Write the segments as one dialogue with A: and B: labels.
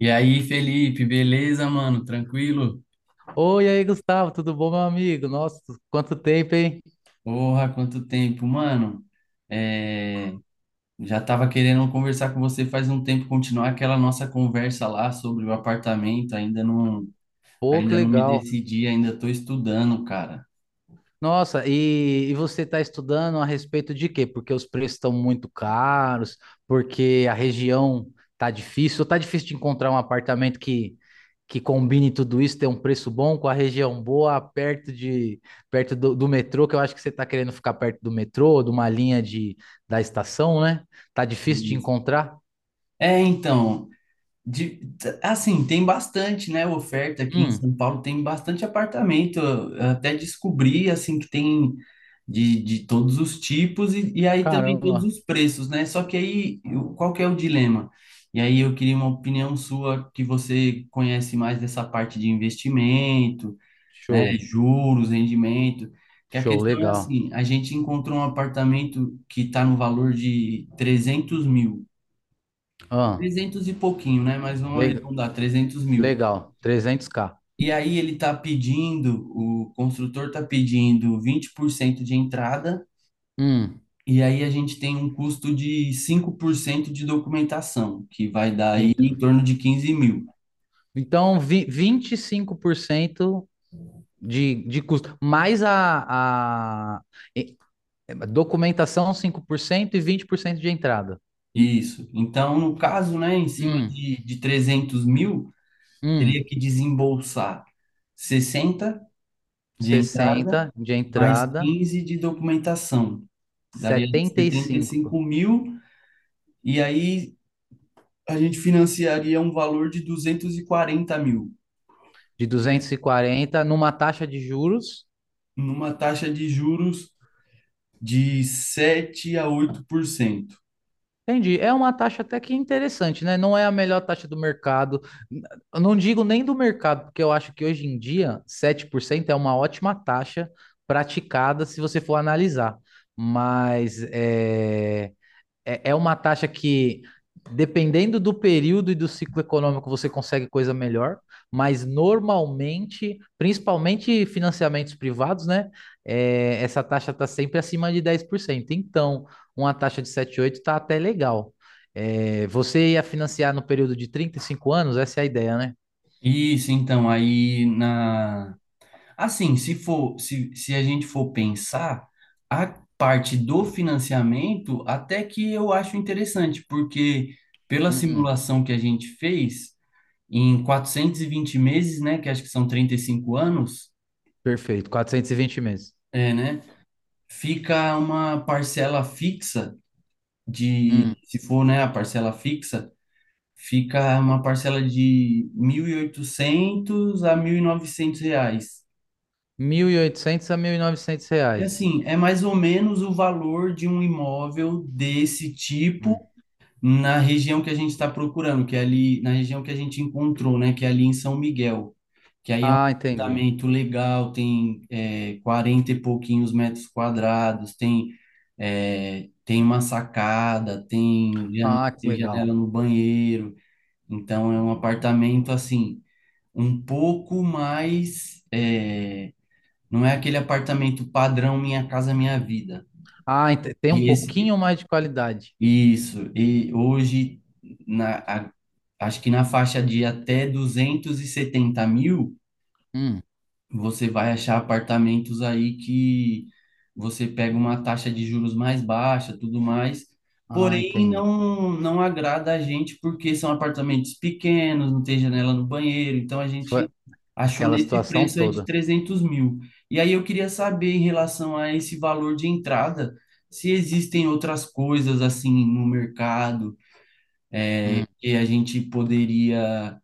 A: E aí, Felipe, beleza, mano? Tranquilo?
B: Oi, aí, Gustavo, tudo bom, meu amigo? Nossa, quanto tempo, hein?
A: Porra, quanto tempo, mano. É, já tava querendo conversar com você faz um tempo, continuar aquela nossa conversa lá sobre o apartamento.
B: Pô, que
A: Ainda não me
B: legal.
A: decidi, ainda tô estudando, cara.
B: Nossa, e você está estudando a respeito de quê? Porque os preços estão muito caros, porque a região tá difícil, ou tá difícil de encontrar um apartamento que combine tudo isso, ter um preço bom, com a região boa, perto do metrô, que eu acho que você está querendo ficar perto do metrô, de uma linha de, da estação, né? Tá difícil de
A: Isso.
B: encontrar?
A: É, então, De, assim, tem bastante, né, oferta aqui em
B: Hum,
A: São Paulo, tem bastante apartamento, eu até descobri, assim, que tem de todos os tipos e aí também todos
B: caramba,
A: os preços, né, só que aí, qual que é o dilema? E aí eu queria uma opinião sua, que você conhece mais dessa parte de investimento, né,
B: show,
A: juros, rendimento, que a
B: show,
A: questão é
B: legal.
A: assim, a gente encontrou um apartamento que está no valor de 300 mil,
B: Ah,
A: 300 e pouquinho, né? Mas vamos
B: le-
A: arredondar, 300 mil.
B: Legal, 300k.
A: E aí o construtor tá pedindo 20% de entrada,
B: Hum,
A: e aí a gente tem um custo de 5% de documentação, que vai dar aí
B: ent-
A: em torno de 15 mil.
B: então, 25% de custo, mais a e- documentação, 5% e 20% de entrada.
A: Isso. Então, no caso, né, em cima
B: Hum,
A: de 300 mil, teria
B: hum,
A: que desembolsar 60 de entrada,
B: 60 de
A: mais
B: entrada,
A: 15 de documentação. Daria
B: setenta e
A: setenta e
B: cinco,
A: cinco mil, e aí a gente financiaria um valor de 240 mil,
B: de 240 numa taxa de juros.
A: numa taxa de juros de 7 a 8%.
B: Entendi. É uma taxa até que interessante, né? Não é a melhor taxa do mercado. Eu não digo nem do mercado, porque eu acho que hoje em dia 7% é uma ótima taxa praticada se você for analisar. Mas é uma taxa que, dependendo do período e do ciclo econômico, você consegue coisa melhor, mas normalmente, principalmente financiamentos privados, né? É, essa taxa está sempre acima de 10%. Então, uma taxa de 7,8 está até legal. É, você ia financiar no período de 35 anos, essa é a ideia, né?
A: Isso, então, aí na. Assim, se a gente for pensar, a parte do financiamento, até que eu acho interessante, porque pela
B: Hum,
A: simulação que a gente fez, em 420 meses, né, que acho que são 35 anos,
B: perfeito, 420 meses.
A: é, né, fica uma parcela fixa
B: Hum,
A: de, se for, né, a parcela fixa, fica uma parcela de 1.800 a 1.900 reais.
B: 1.800 a 1.900
A: E
B: reais.
A: assim, é mais ou menos o valor de um imóvel desse tipo
B: Hum.
A: na região que a gente está procurando, que é ali na região que a gente encontrou, né, que é ali em São Miguel, que aí é um
B: Ah, entendi.
A: apartamento legal, tem 40 e pouquinhos metros quadrados, tem uma sacada,
B: Ah, que
A: tem
B: legal.
A: janela no banheiro. Então é um apartamento assim, um pouco mais. Não é aquele apartamento padrão Minha Casa Minha Vida.
B: Ah, tem um
A: E esse,
B: pouquinho mais de qualidade.
A: isso. E hoje, na, a- acho que na faixa de até 270 mil,
B: Hum.
A: você vai achar apartamentos aí que você pega uma taxa de juros mais baixa, tudo mais.
B: Ah,
A: Porém,
B: entendi.
A: não agrada a gente porque são apartamentos pequenos, não tem janela no banheiro. Então, a
B: Foi
A: gente achou
B: aquela
A: nesse
B: situação
A: preço aí de
B: toda.
A: 300 mil. E aí, eu queria saber em relação a esse valor de entrada, se existem outras coisas assim no mercado,
B: Hum.
A: que a gente poderia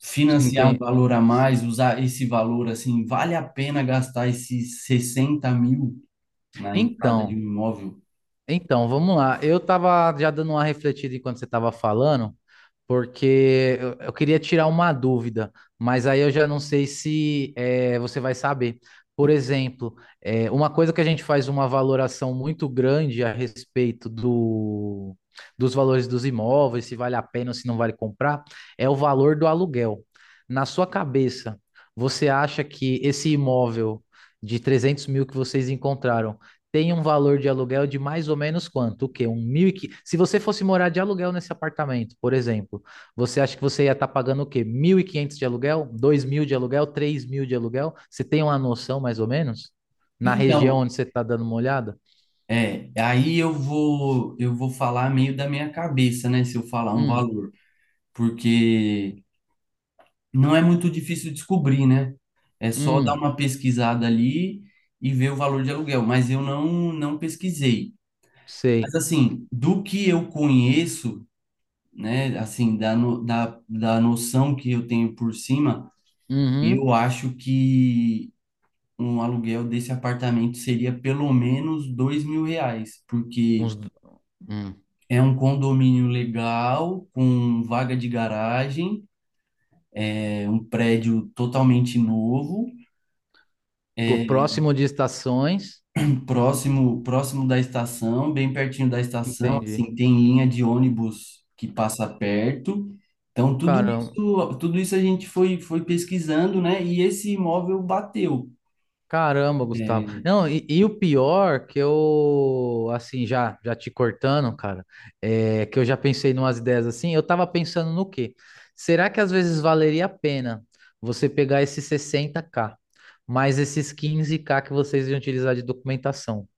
A: financiar um
B: Entendi.
A: valor a mais, usar esse valor assim, vale a pena gastar esses 60 mil na entrada de um
B: Então,
A: imóvel?
B: então, vamos lá. Eu tava já dando uma refletida enquanto você tava falando, porque eu queria tirar uma dúvida, mas aí eu já não sei se você vai saber. Por exemplo, é, uma coisa que a gente faz uma valoração muito grande a respeito dos valores dos imóveis, se vale a pena ou se não vale comprar, é o valor do aluguel. Na sua cabeça, você acha que esse imóvel de 300 mil que vocês encontraram tem um valor de aluguel de mais ou menos quanto? O quê? Um mil e... Se você fosse morar de aluguel nesse apartamento, por exemplo, você acha que você ia estar pagando o quê? 1.500 de aluguel? 2 mil de aluguel? 3 mil de aluguel? Você tem uma noção, mais ou menos? Na região
A: Então,
B: onde você está dando uma olhada?
A: aí eu vou falar meio da minha cabeça, né, se eu falar um
B: Hum,
A: valor, porque não é muito difícil descobrir, né? É só dar
B: hum,
A: uma pesquisada ali e ver o valor de aluguel, mas eu não pesquisei.
B: sei.
A: Mas assim, do que eu conheço, né, assim, da, no, da, da noção que eu tenho por cima,
B: Uhum.
A: eu acho que um aluguel desse apartamento seria pelo menos R$ 2.000, porque
B: Uns, hum.
A: é um condomínio legal, com vaga de garagem, é um prédio totalmente novo,
B: Pô,
A: é
B: próximo de estações.
A: próximo da estação, bem pertinho da estação,
B: Entendi.
A: assim, tem linha de ônibus que passa perto. Então, tudo
B: Cara,
A: isso, tudo isso a gente foi pesquisando, né? E esse imóvel bateu.
B: caramba, Gustavo.
A: É.
B: Não, e o pior que eu, assim, já te cortando, cara, é que eu já pensei numas ideias assim. Eu tava pensando no quê? Será que às vezes valeria a pena você pegar esses 60k mais esses 15k que vocês iam utilizar de documentação?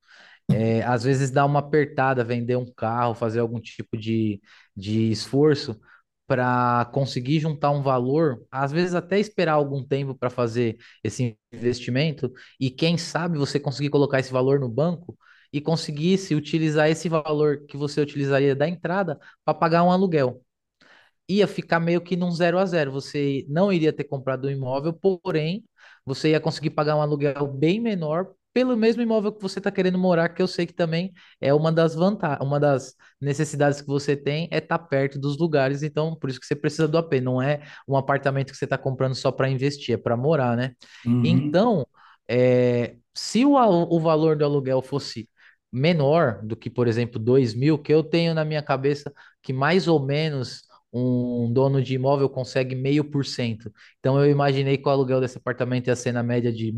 B: É, às vezes dá uma apertada, vender um carro, fazer algum tipo de esforço para conseguir juntar um valor, às vezes até esperar algum tempo para fazer esse investimento, e quem sabe você conseguir colocar esse valor no banco e conseguisse utilizar esse valor que você utilizaria da entrada para pagar um aluguel, ia ficar meio que num zero a zero. Você não iria ter comprado o imóvel, porém, você ia conseguir pagar um aluguel bem menor pelo mesmo imóvel que você está querendo morar, que eu sei que também é uma das vantagens, uma das necessidades que você tem é estar tá perto dos lugares, então por isso que você precisa do AP, não é um apartamento que você está comprando só para investir, é para morar, né?
A: Uhum.
B: Então, é, se o valor do aluguel fosse menor do que, por exemplo, 2 mil, que eu tenho na minha cabeça que mais ou menos um dono de imóvel consegue meio por cento. Então eu imaginei que o aluguel desse apartamento ia ser na média de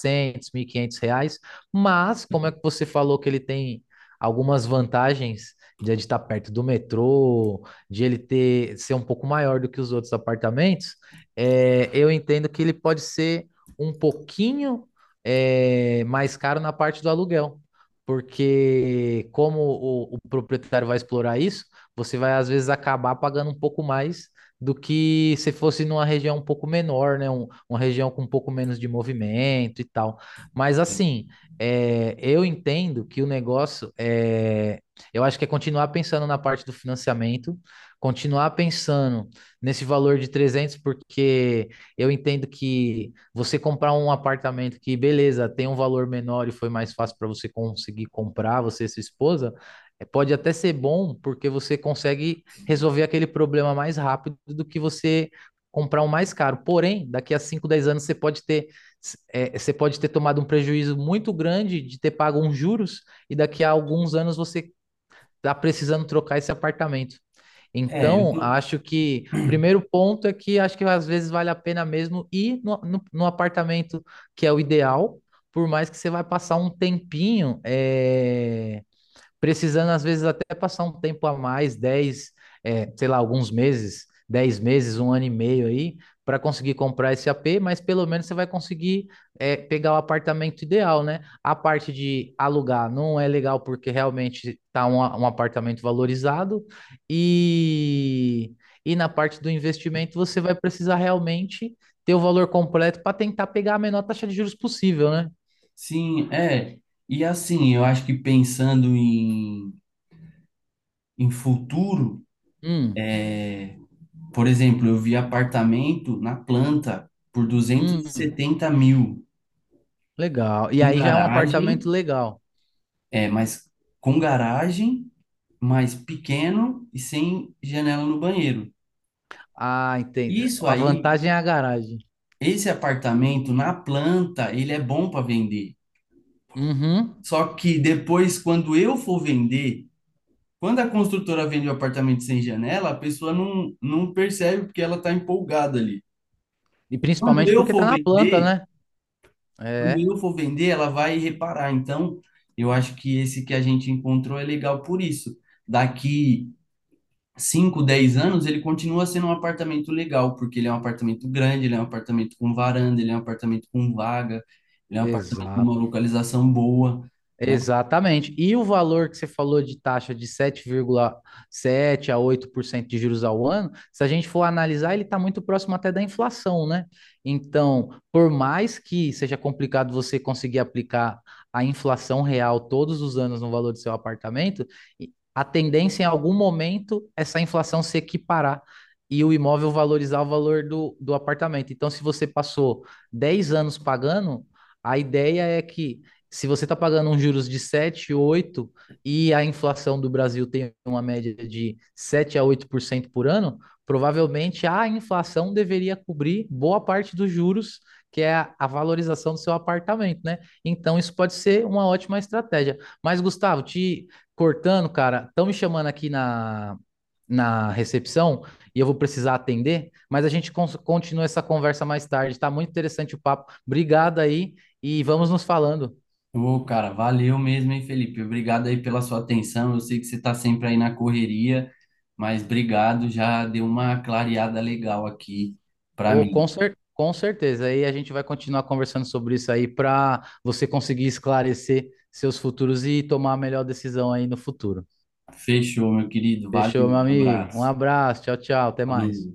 B: 1.400, quinhentos reais, mas como é que você falou que ele tem algumas vantagens de ele estar perto do metrô, de ele ter ser um pouco maior do que os outros apartamentos, é, eu entendo que ele pode ser um pouquinho é, mais caro na parte do aluguel, porque como o proprietário vai explorar isso, você vai às vezes acabar pagando um pouco mais do que se fosse numa região um pouco menor, né? Uma região com um pouco menos de movimento e tal. Mas assim, é, eu entendo que o negócio é, eu acho que é continuar pensando na parte do financiamento, continuar pensando nesse valor de 300, porque eu entendo que você comprar um apartamento que, beleza, tem um valor menor e foi mais fácil para você conseguir comprar, você e sua esposa, é, pode até ser bom porque você consegue resolver aquele problema mais rápido do que você comprar um mais caro. Porém, daqui a 5, 10 anos você pode ter é, você pode ter tomado um prejuízo muito grande de ter pago uns juros e daqui a alguns anos você está precisando trocar esse apartamento.
A: É, eu
B: Então,
A: tô.
B: acho que o primeiro ponto é que acho que às vezes vale a pena mesmo ir no apartamento que é o ideal, por mais que você vai passar um tempinho, é, precisando às vezes até passar um tempo a mais, sei lá, alguns meses, 10 meses, um ano e meio aí, para conseguir comprar esse AP, mas pelo menos você vai conseguir é, pegar o apartamento ideal, né? A parte de alugar não é legal porque realmente está um apartamento valorizado e, e na parte do investimento você vai precisar realmente ter o valor completo para tentar pegar a menor taxa de juros possível, né?
A: Sim, é. E assim, eu acho que pensando em futuro,
B: Hum,
A: por exemplo, eu vi apartamento na planta por duzentos e
B: hum.
A: setenta mil,
B: Legal. E
A: com
B: aí já é um
A: garagem,
B: apartamento legal.
A: mas com garagem, mas pequeno e sem janela no banheiro.
B: Ah, entendi.
A: Isso
B: A
A: aí,
B: vantagem é a garagem.
A: esse apartamento na planta, ele é bom para vender.
B: Uhum.
A: Só que depois, quando eu for vender, quando a construtora vende o apartamento sem janela, a pessoa não percebe porque ela está empolgada ali.
B: E
A: Quando
B: principalmente
A: eu
B: porque tá
A: for
B: na planta,
A: vender,
B: né?
A: quando
B: É,
A: eu for vender, ela vai reparar. Então, eu acho que esse que a gente encontrou é legal por isso. Daqui 5, 10 anos, ele continua sendo um apartamento legal, porque ele é um apartamento grande, ele é um apartamento com varanda, ele é um apartamento com vaga, ele é um apartamento com
B: exato.
A: uma localização boa, né?
B: Exatamente. E o valor que você falou de taxa de sete vírgula 7 a 8% de juros ao ano, se a gente for analisar, ele está muito próximo até da inflação, né? Então, por mais que seja complicado você conseguir aplicar a inflação real todos os anos no valor do seu apartamento, a tendência em algum momento essa inflação se equiparar e o imóvel valorizar o valor do apartamento. Então, se você passou 10 anos pagando, a ideia é que se você está pagando uns juros de 7 8 e a inflação do Brasil tem uma média de 7 a 8% por ano, provavelmente a inflação deveria cobrir boa parte dos juros, que é a valorização do seu apartamento, né? Então isso pode ser uma ótima estratégia. Mas Gustavo, te cortando, cara, estão me chamando aqui na recepção e eu vou precisar atender, mas a gente continua essa conversa mais tarde. Tá muito interessante o papo. Obrigado aí e vamos nos falando.
A: Ô, cara, valeu mesmo, hein, Felipe? Obrigado aí pela sua atenção. Eu sei que você está sempre aí na correria, mas obrigado, já deu uma clareada legal aqui para
B: Ou com
A: mim.
B: com certeza. Aí a gente vai continuar conversando sobre isso aí para você conseguir esclarecer seus futuros e tomar a melhor decisão aí no futuro.
A: Fechou, meu querido. Valeu,
B: Fechou, meu
A: um
B: amigo? Um
A: abraço.
B: abraço, tchau, tchau, até
A: Falou.
B: mais.